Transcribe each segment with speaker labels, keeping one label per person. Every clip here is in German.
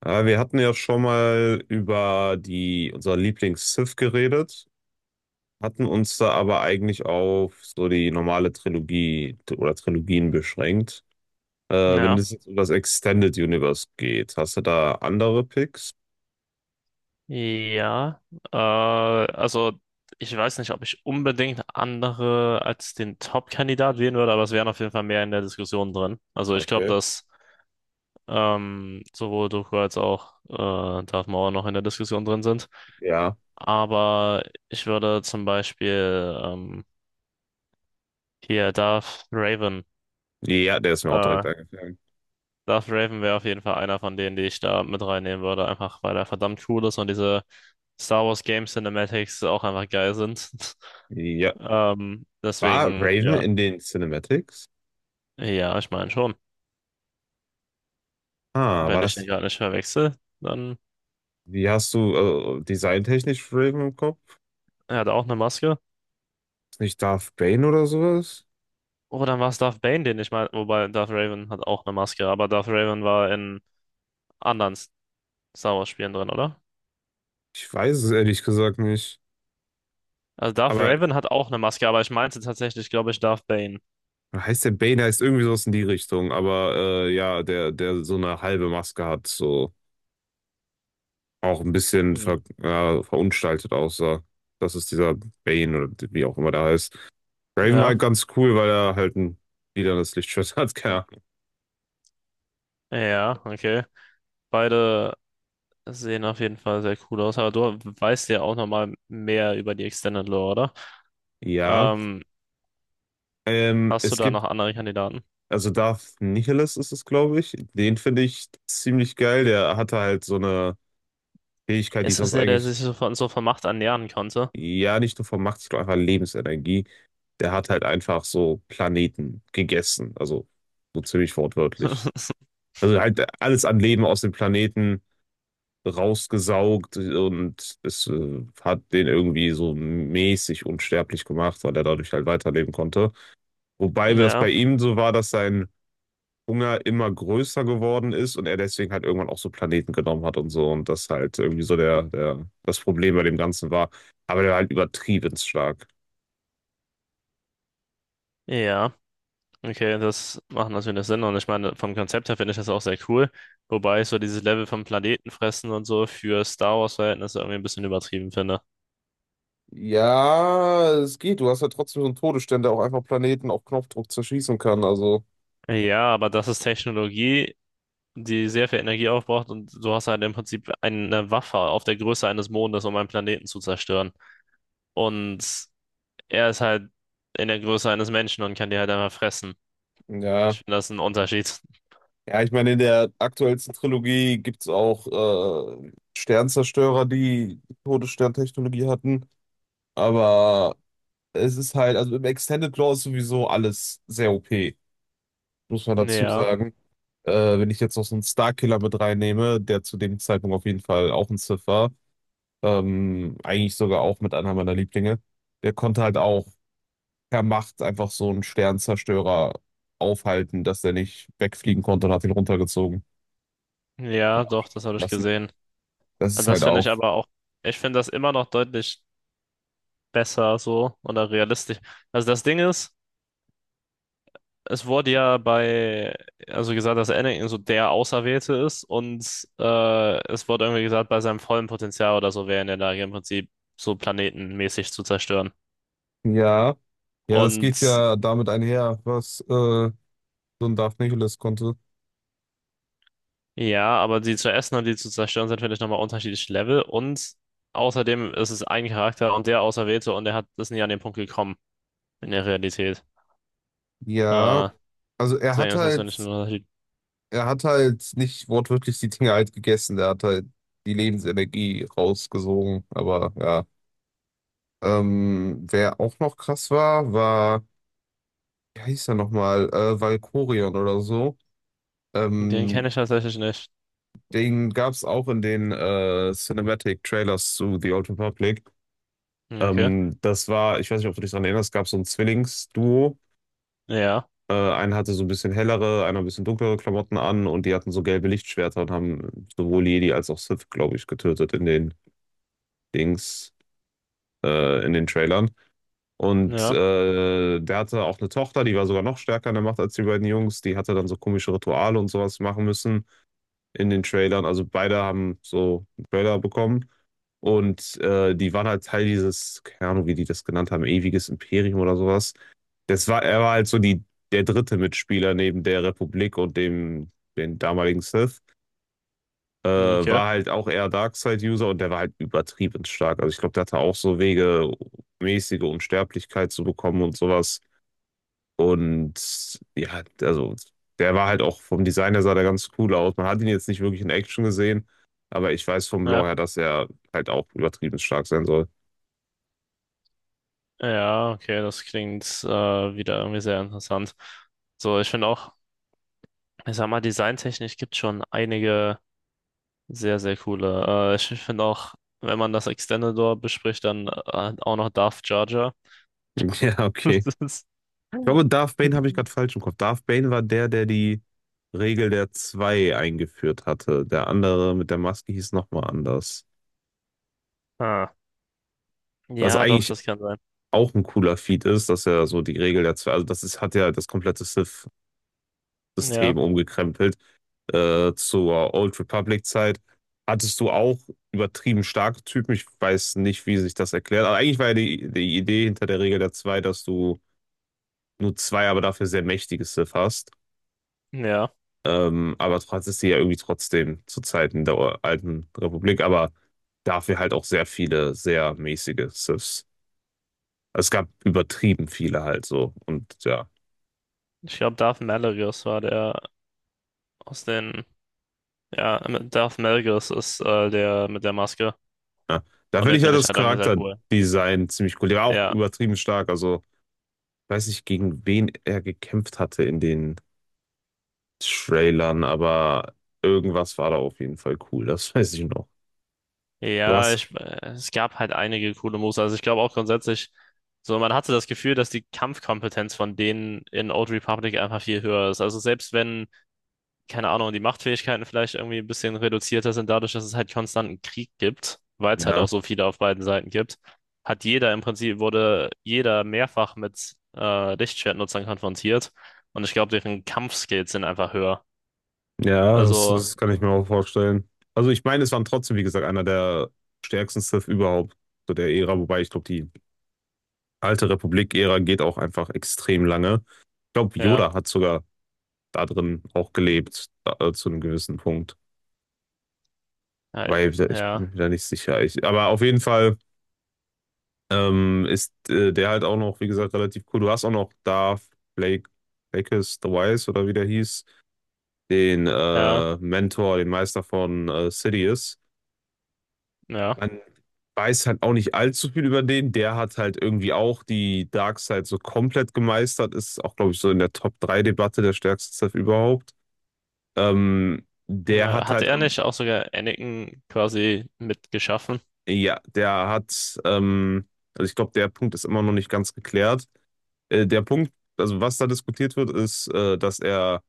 Speaker 1: Wir hatten ja schon mal über unser Lieblings-Sith geredet, hatten uns da aber eigentlich auf so die normale Trilogie oder Trilogien beschränkt. Wenn
Speaker 2: Ja,
Speaker 1: es jetzt um das Extended Universe geht, hast du da andere Picks?
Speaker 2: ja. Also ich weiß nicht, ob ich unbedingt andere als den Top-Kandidat wählen würde, aber es wären auf jeden Fall mehr in der Diskussion drin. Also ich glaube,
Speaker 1: Okay.
Speaker 2: dass sowohl Doku als auch Darth Maul noch in der Diskussion drin sind.
Speaker 1: Ja.
Speaker 2: Aber ich würde zum Beispiel hier Darth Raven,
Speaker 1: Ja, der ist mir auch
Speaker 2: äh,
Speaker 1: direkt eingefallen.
Speaker 2: Darth Raven wäre auf jeden Fall einer von denen, die ich da mit reinnehmen würde, einfach weil er verdammt cool ist und diese Star Wars Game Cinematics auch einfach geil sind.
Speaker 1: Ja. War
Speaker 2: Deswegen,
Speaker 1: Raven
Speaker 2: ja,
Speaker 1: in den Cinematics?
Speaker 2: ja, ich meine schon.
Speaker 1: Ah, war
Speaker 2: Wenn ich
Speaker 1: das.
Speaker 2: den gerade nicht verwechsel, dann
Speaker 1: Wie hast du designtechnisch Raven im Kopf?
Speaker 2: er hat auch eine Maske.
Speaker 1: Ist nicht Darth Bane oder sowas?
Speaker 2: Oh, dann war es Darth Bane, den ich meine. Wobei Darth Raven hat auch eine Maske, aber Darth Raven war in anderen Star Wars Spielen drin, oder?
Speaker 1: Ich weiß es ehrlich gesagt nicht.
Speaker 2: Also Darth
Speaker 1: Aber
Speaker 2: Raven hat auch eine Maske, aber ich meinte tatsächlich, glaube ich, Darth Bane.
Speaker 1: heißt der Bane, heißt irgendwie sowas in die Richtung, aber ja, der so eine halbe Maske hat, so auch ein bisschen
Speaker 2: Hm.
Speaker 1: ja, verunstaltet aussah. Das ist dieser Bane oder wie auch immer der heißt. Raven war
Speaker 2: Ja,
Speaker 1: halt ganz cool, weil er halt ein lilanes Lichtschwert hat, keine Ahnung.
Speaker 2: ja, okay. Beide sehen auf jeden Fall sehr cool aus, aber du weißt ja auch nochmal mehr über die Extended Lore, oder?
Speaker 1: Ja,
Speaker 2: Ähm,
Speaker 1: ähm,
Speaker 2: Hast du
Speaker 1: es
Speaker 2: da
Speaker 1: gibt,
Speaker 2: noch andere Kandidaten?
Speaker 1: also Darth Nihilus ist es, glaube ich. Den finde ich ziemlich geil. Der hatte halt so eine Fähigkeit, die
Speaker 2: Ist das
Speaker 1: sonst
Speaker 2: der, der
Speaker 1: eigentlich,
Speaker 2: sich so von Macht ernähren konnte?
Speaker 1: ja, nicht nur von Macht, ich glaube einfach Lebensenergie. Der hat halt einfach so Planeten gegessen, also so ziemlich wortwörtlich. Also halt alles an Leben aus dem Planeten rausgesaugt und es hat den irgendwie so mäßig unsterblich gemacht, weil er dadurch halt weiterleben konnte. Wobei das
Speaker 2: Ja,
Speaker 1: bei ihm so war, dass sein Hunger immer größer geworden ist und er deswegen halt irgendwann auch so Planeten genommen hat und so und das halt irgendwie so der das Problem bei dem Ganzen war. Aber der war halt übertrieben stark.
Speaker 2: ja. Okay, das macht natürlich Sinn. Und ich meine, vom Konzept her finde ich das auch sehr cool. Wobei ich so dieses Level vom Planetenfressen und so für Star Wars-Verhältnisse irgendwie ein bisschen übertrieben finde.
Speaker 1: Ja, es geht. Du hast ja trotzdem so einen Todesstern, der auch einfach Planeten auf Knopfdruck zerschießen kann. Also,
Speaker 2: Ja, aber das ist Technologie, die sehr viel Energie aufbraucht und du hast halt im Prinzip eine Waffe auf der Größe eines Mondes, um einen Planeten zu zerstören. Und er ist halt in der Größe eines Menschen und kann die halt einfach fressen. Ich
Speaker 1: ja.
Speaker 2: finde, das ist ein Unterschied.
Speaker 1: Ja, ich meine, in der aktuellsten Trilogie gibt es auch Sternzerstörer, die Todessterntechnologie hatten. Aber es ist halt, also im Extended Lore ist sowieso alles sehr OP, muss man dazu
Speaker 2: Ja.
Speaker 1: sagen. Wenn ich jetzt noch so einen Starkiller mit reinnehme, der zu dem Zeitpunkt auf jeden Fall auch ein Sith war, eigentlich sogar auch mit einer meiner Lieblinge, der konnte halt auch per Macht einfach so einen Sternzerstörer aufhalten, dass der nicht wegfliegen konnte und hat ihn runtergezogen
Speaker 2: Ja,
Speaker 1: und
Speaker 2: doch, das habe
Speaker 1: abstürzen
Speaker 2: ich
Speaker 1: lassen.
Speaker 2: gesehen.
Speaker 1: Das ist
Speaker 2: Und das
Speaker 1: halt
Speaker 2: finde ich
Speaker 1: auch.
Speaker 2: aber auch, ich finde das immer noch deutlich besser so oder realistisch. Also das Ding ist, es wurde ja bei, also gesagt, dass Anakin so der Auserwählte ist und es wurde irgendwie gesagt, bei seinem vollen Potenzial oder so wäre er in der Lage, im Prinzip so planetenmäßig zu zerstören.
Speaker 1: Ja, ja, das geht
Speaker 2: Und
Speaker 1: ja damit einher, was so ein Darth Nihilus konnte.
Speaker 2: ja, aber die zu essen und die zu zerstören sind, finde ich, nochmal unterschiedliche Level. Und außerdem ist es ein Charakter und der Auserwählte und er hat, ist nie an den Punkt gekommen in der Realität.
Speaker 1: Ja,
Speaker 2: Äh,
Speaker 1: also
Speaker 2: Sehr, das heißt, wenn ich nur halt
Speaker 1: er hat halt nicht wortwörtlich die Dinge halt gegessen, er hat halt die Lebensenergie rausgesogen, aber ja. Wer auch noch krass war, wie heißt er nochmal, Valkorion oder so.
Speaker 2: den kenne
Speaker 1: Ähm,
Speaker 2: ich tatsächlich nicht.
Speaker 1: Den gab es auch in den Cinematic Trailers zu The Old Republic.
Speaker 2: Ja, okay.
Speaker 1: Das war, ich weiß nicht, ob du dich daran erinnerst, gab so ein Zwillingsduo.
Speaker 2: Ja,
Speaker 1: Einer hatte so ein bisschen hellere, einer ein bisschen dunklere Klamotten an und die hatten so gelbe Lichtschwerter und haben sowohl Jedi als auch Sith, glaube ich, getötet in den Dings, in den Trailern. Und
Speaker 2: ja,
Speaker 1: der hatte auch eine Tochter, die war sogar noch stärker in der Macht als die beiden Jungs. Die hatte dann so komische Rituale und sowas machen müssen. In den Trailern. Also beide haben so einen Trailer bekommen. Und die waren halt Teil dieses, keine Ahnung, wie die das genannt haben, ewiges Imperium oder sowas. Das er war halt so der dritte Mitspieler neben der Republik und den damaligen Sith. Äh,
Speaker 2: okay.
Speaker 1: war halt auch eher Darkseid-User und der war halt übertrieben stark. Also ich glaube, der hatte auch so Wege, mäßige Unsterblichkeit zu bekommen und sowas. Und ja, also der war halt auch vom Design her sah der ganz cool aus. Man hat ihn jetzt nicht wirklich in Action gesehen, aber ich weiß vom
Speaker 2: Ja,
Speaker 1: Lore her, dass er halt auch übertrieben stark sein soll.
Speaker 2: ja, okay, das klingt wieder irgendwie sehr interessant. So, ich finde auch, ich sag mal, designtechnisch gibt schon einige sehr, sehr coole. Ich finde auch, wenn man das Extendedor bespricht, dann auch noch Darth Jar Jar.
Speaker 1: Ja, okay.
Speaker 2: Das ist,
Speaker 1: Ich glaube, Darth Bane habe ich gerade falsch im Kopf. Darth Bane war der, der die Regel der zwei eingeführt hatte. Der andere mit der Maske hieß nochmal anders.
Speaker 2: ah.
Speaker 1: Was
Speaker 2: Ja, doch,
Speaker 1: eigentlich
Speaker 2: das kann sein.
Speaker 1: auch ein cooler Feat ist, dass er so die Regel der zwei, also das ist, hat ja das komplette Sith-System
Speaker 2: Ja,
Speaker 1: umgekrempelt zur Old Republic-Zeit, hattest du auch übertrieben starke Typen. Ich weiß nicht, wie sich das erklärt. Aber eigentlich war ja die Idee hinter der Regel der zwei, dass du nur zwei, aber dafür sehr mächtige Sith hast.
Speaker 2: ja.
Speaker 1: Aber du hattest sie ja irgendwie trotzdem zu Zeiten der alten Republik, aber dafür halt auch sehr viele, sehr mäßige Siths. Also es gab übertrieben viele halt so. Und ja,
Speaker 2: Ich glaube, Darth Malarius war der aus den. Ja, Darth Malgus ist der mit der Maske.
Speaker 1: ja. Da
Speaker 2: Und
Speaker 1: finde
Speaker 2: den
Speaker 1: ich ja
Speaker 2: finde ich
Speaker 1: das
Speaker 2: halt irgendwie sehr cool.
Speaker 1: Charakterdesign ziemlich cool. Der war auch
Speaker 2: Ja.
Speaker 1: übertrieben stark. Also weiß nicht, gegen wen er gekämpft hatte in den Trailern, aber irgendwas war da auf jeden Fall cool, das weiß ich noch. Du
Speaker 2: Ja,
Speaker 1: hast,
Speaker 2: es gab halt einige coole Moves. Also ich glaube auch grundsätzlich, so man hatte das Gefühl, dass die Kampfkompetenz von denen in Old Republic einfach viel höher ist. Also selbst wenn, keine Ahnung, die Machtfähigkeiten vielleicht irgendwie ein bisschen reduzierter sind, dadurch, dass es halt konstanten Krieg gibt, weil es halt auch
Speaker 1: ja,
Speaker 2: so viele auf beiden Seiten gibt, hat jeder im Prinzip, wurde jeder mehrfach mit Lichtschwertnutzern konfrontiert. Und ich glaube, deren Kampfskills sind einfach höher.
Speaker 1: ja,
Speaker 2: Also,
Speaker 1: das kann ich mir auch vorstellen. Also ich meine, es waren trotzdem, wie gesagt, einer der stärksten Sith überhaupt zu der Ära, wobei ich glaube, die alte Republik-Ära geht auch einfach extrem lange. Ich glaube,
Speaker 2: ja,
Speaker 1: Yoda hat sogar da drin auch gelebt, zu einem gewissen Punkt.
Speaker 2: ja,
Speaker 1: Weil ich bin
Speaker 2: ja,
Speaker 1: mir da nicht sicher. Ich, aber auf jeden Fall. Ist der halt auch noch, wie gesagt, relativ cool. Du hast auch noch Darth Blake, Blakes the Wise oder wie der hieß, den
Speaker 2: ja.
Speaker 1: Mentor, den Meister von Sidious.
Speaker 2: Ja.
Speaker 1: Man weiß halt auch nicht allzu viel über den. Der hat halt irgendwie auch die Darkseid so komplett gemeistert. Ist auch, glaube ich, so in der top drei debatte der stärkste Sith überhaupt. Ähm, der hat
Speaker 2: Hatte
Speaker 1: halt,
Speaker 2: er
Speaker 1: ähm,
Speaker 2: nicht auch sogar Anakin quasi mitgeschaffen?
Speaker 1: ja, also ich glaube, der Punkt ist immer noch nicht ganz geklärt. Äh, der Punkt, also was da diskutiert wird, dass er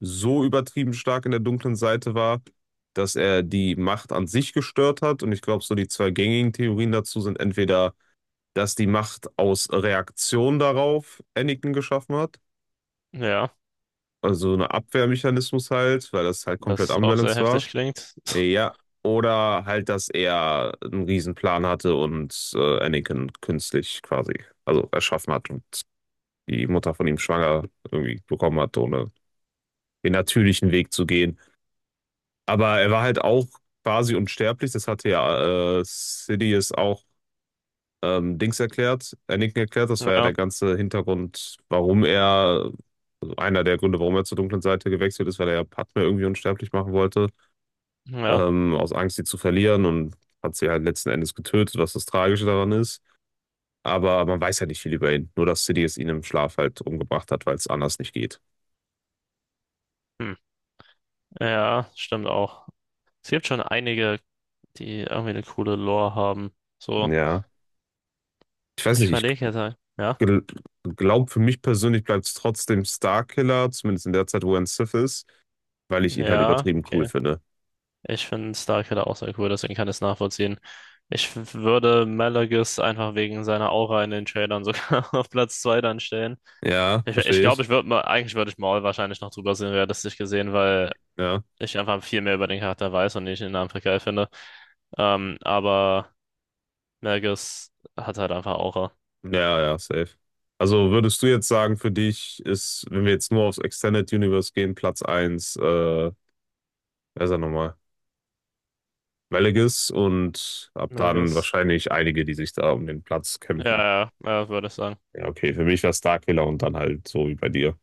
Speaker 1: so übertrieben stark in der dunklen Seite war, dass er die Macht an sich gestört hat. Und ich glaube, so die zwei gängigen Theorien dazu sind entweder, dass die Macht aus Reaktion darauf Anakin geschaffen hat,
Speaker 2: Ja,
Speaker 1: also eine Abwehrmechanismus halt, weil das halt komplett
Speaker 2: das auch sehr
Speaker 1: unbalanced war.
Speaker 2: heftig klingt.
Speaker 1: Ja, oder halt, dass er einen Riesenplan hatte und Anakin künstlich quasi, also erschaffen hat und die Mutter von ihm schwanger irgendwie bekommen hat, ohne den natürlichen Weg zu gehen. Aber er war halt auch quasi unsterblich, das hatte ja Sidious auch Dings erklärt, Anakin erklärt, das war ja
Speaker 2: Ja,
Speaker 1: der ganze Hintergrund, einer der Gründe, warum er zur dunklen Seite gewechselt ist, weil er ja Padme irgendwie unsterblich machen wollte,
Speaker 2: ja,
Speaker 1: aus Angst, sie zu verlieren und hat sie halt letzten Endes getötet, was das Tragische daran ist. Aber man weiß ja nicht viel über ihn, nur dass Sidious ihn im Schlaf halt umgebracht hat, weil es anders nicht geht.
Speaker 2: hm. Ja, stimmt auch. Es gibt schon einige, die irgendwie eine coole Lore haben. So,
Speaker 1: Ja, ich weiß
Speaker 2: ich
Speaker 1: nicht, ich
Speaker 2: überlege jetzt, halt. Ja,
Speaker 1: gel glaube, für mich persönlich bleibt es trotzdem Starkiller, zumindest in der Zeit, wo er ein Sith ist, weil ich ihn halt
Speaker 2: ja,
Speaker 1: übertrieben cool
Speaker 2: okay.
Speaker 1: finde.
Speaker 2: Ich finde Star Killer auch sehr cool, deswegen kann ich es nachvollziehen. Ich würde Malagis einfach wegen seiner Aura in den Trailern sogar auf Platz 2 dann stellen.
Speaker 1: Ja,
Speaker 2: Ich glaube, ich,
Speaker 1: verstehe
Speaker 2: glaub,
Speaker 1: ich.
Speaker 2: ich würde mal, eigentlich würde ich Maul wahrscheinlich noch drüber sehen, realistisch gesehen, weil
Speaker 1: Ja,
Speaker 2: ich einfach viel mehr über den Charakter weiß und ich ihn einfach geil finde. Aber Melges hat halt einfach Aura.
Speaker 1: ja, ja, safe. Also würdest du jetzt sagen, für dich ist, wenn wir jetzt nur aufs Extended Universe gehen, Platz eins wer ist er nochmal? Velegis und ab dann
Speaker 2: Melges.
Speaker 1: wahrscheinlich einige, die sich da um den Platz
Speaker 2: Ja,
Speaker 1: kämpfen.
Speaker 2: ja, ja, würde ich sagen.
Speaker 1: Ja, okay, für mich war Starkiller und dann halt so wie bei dir.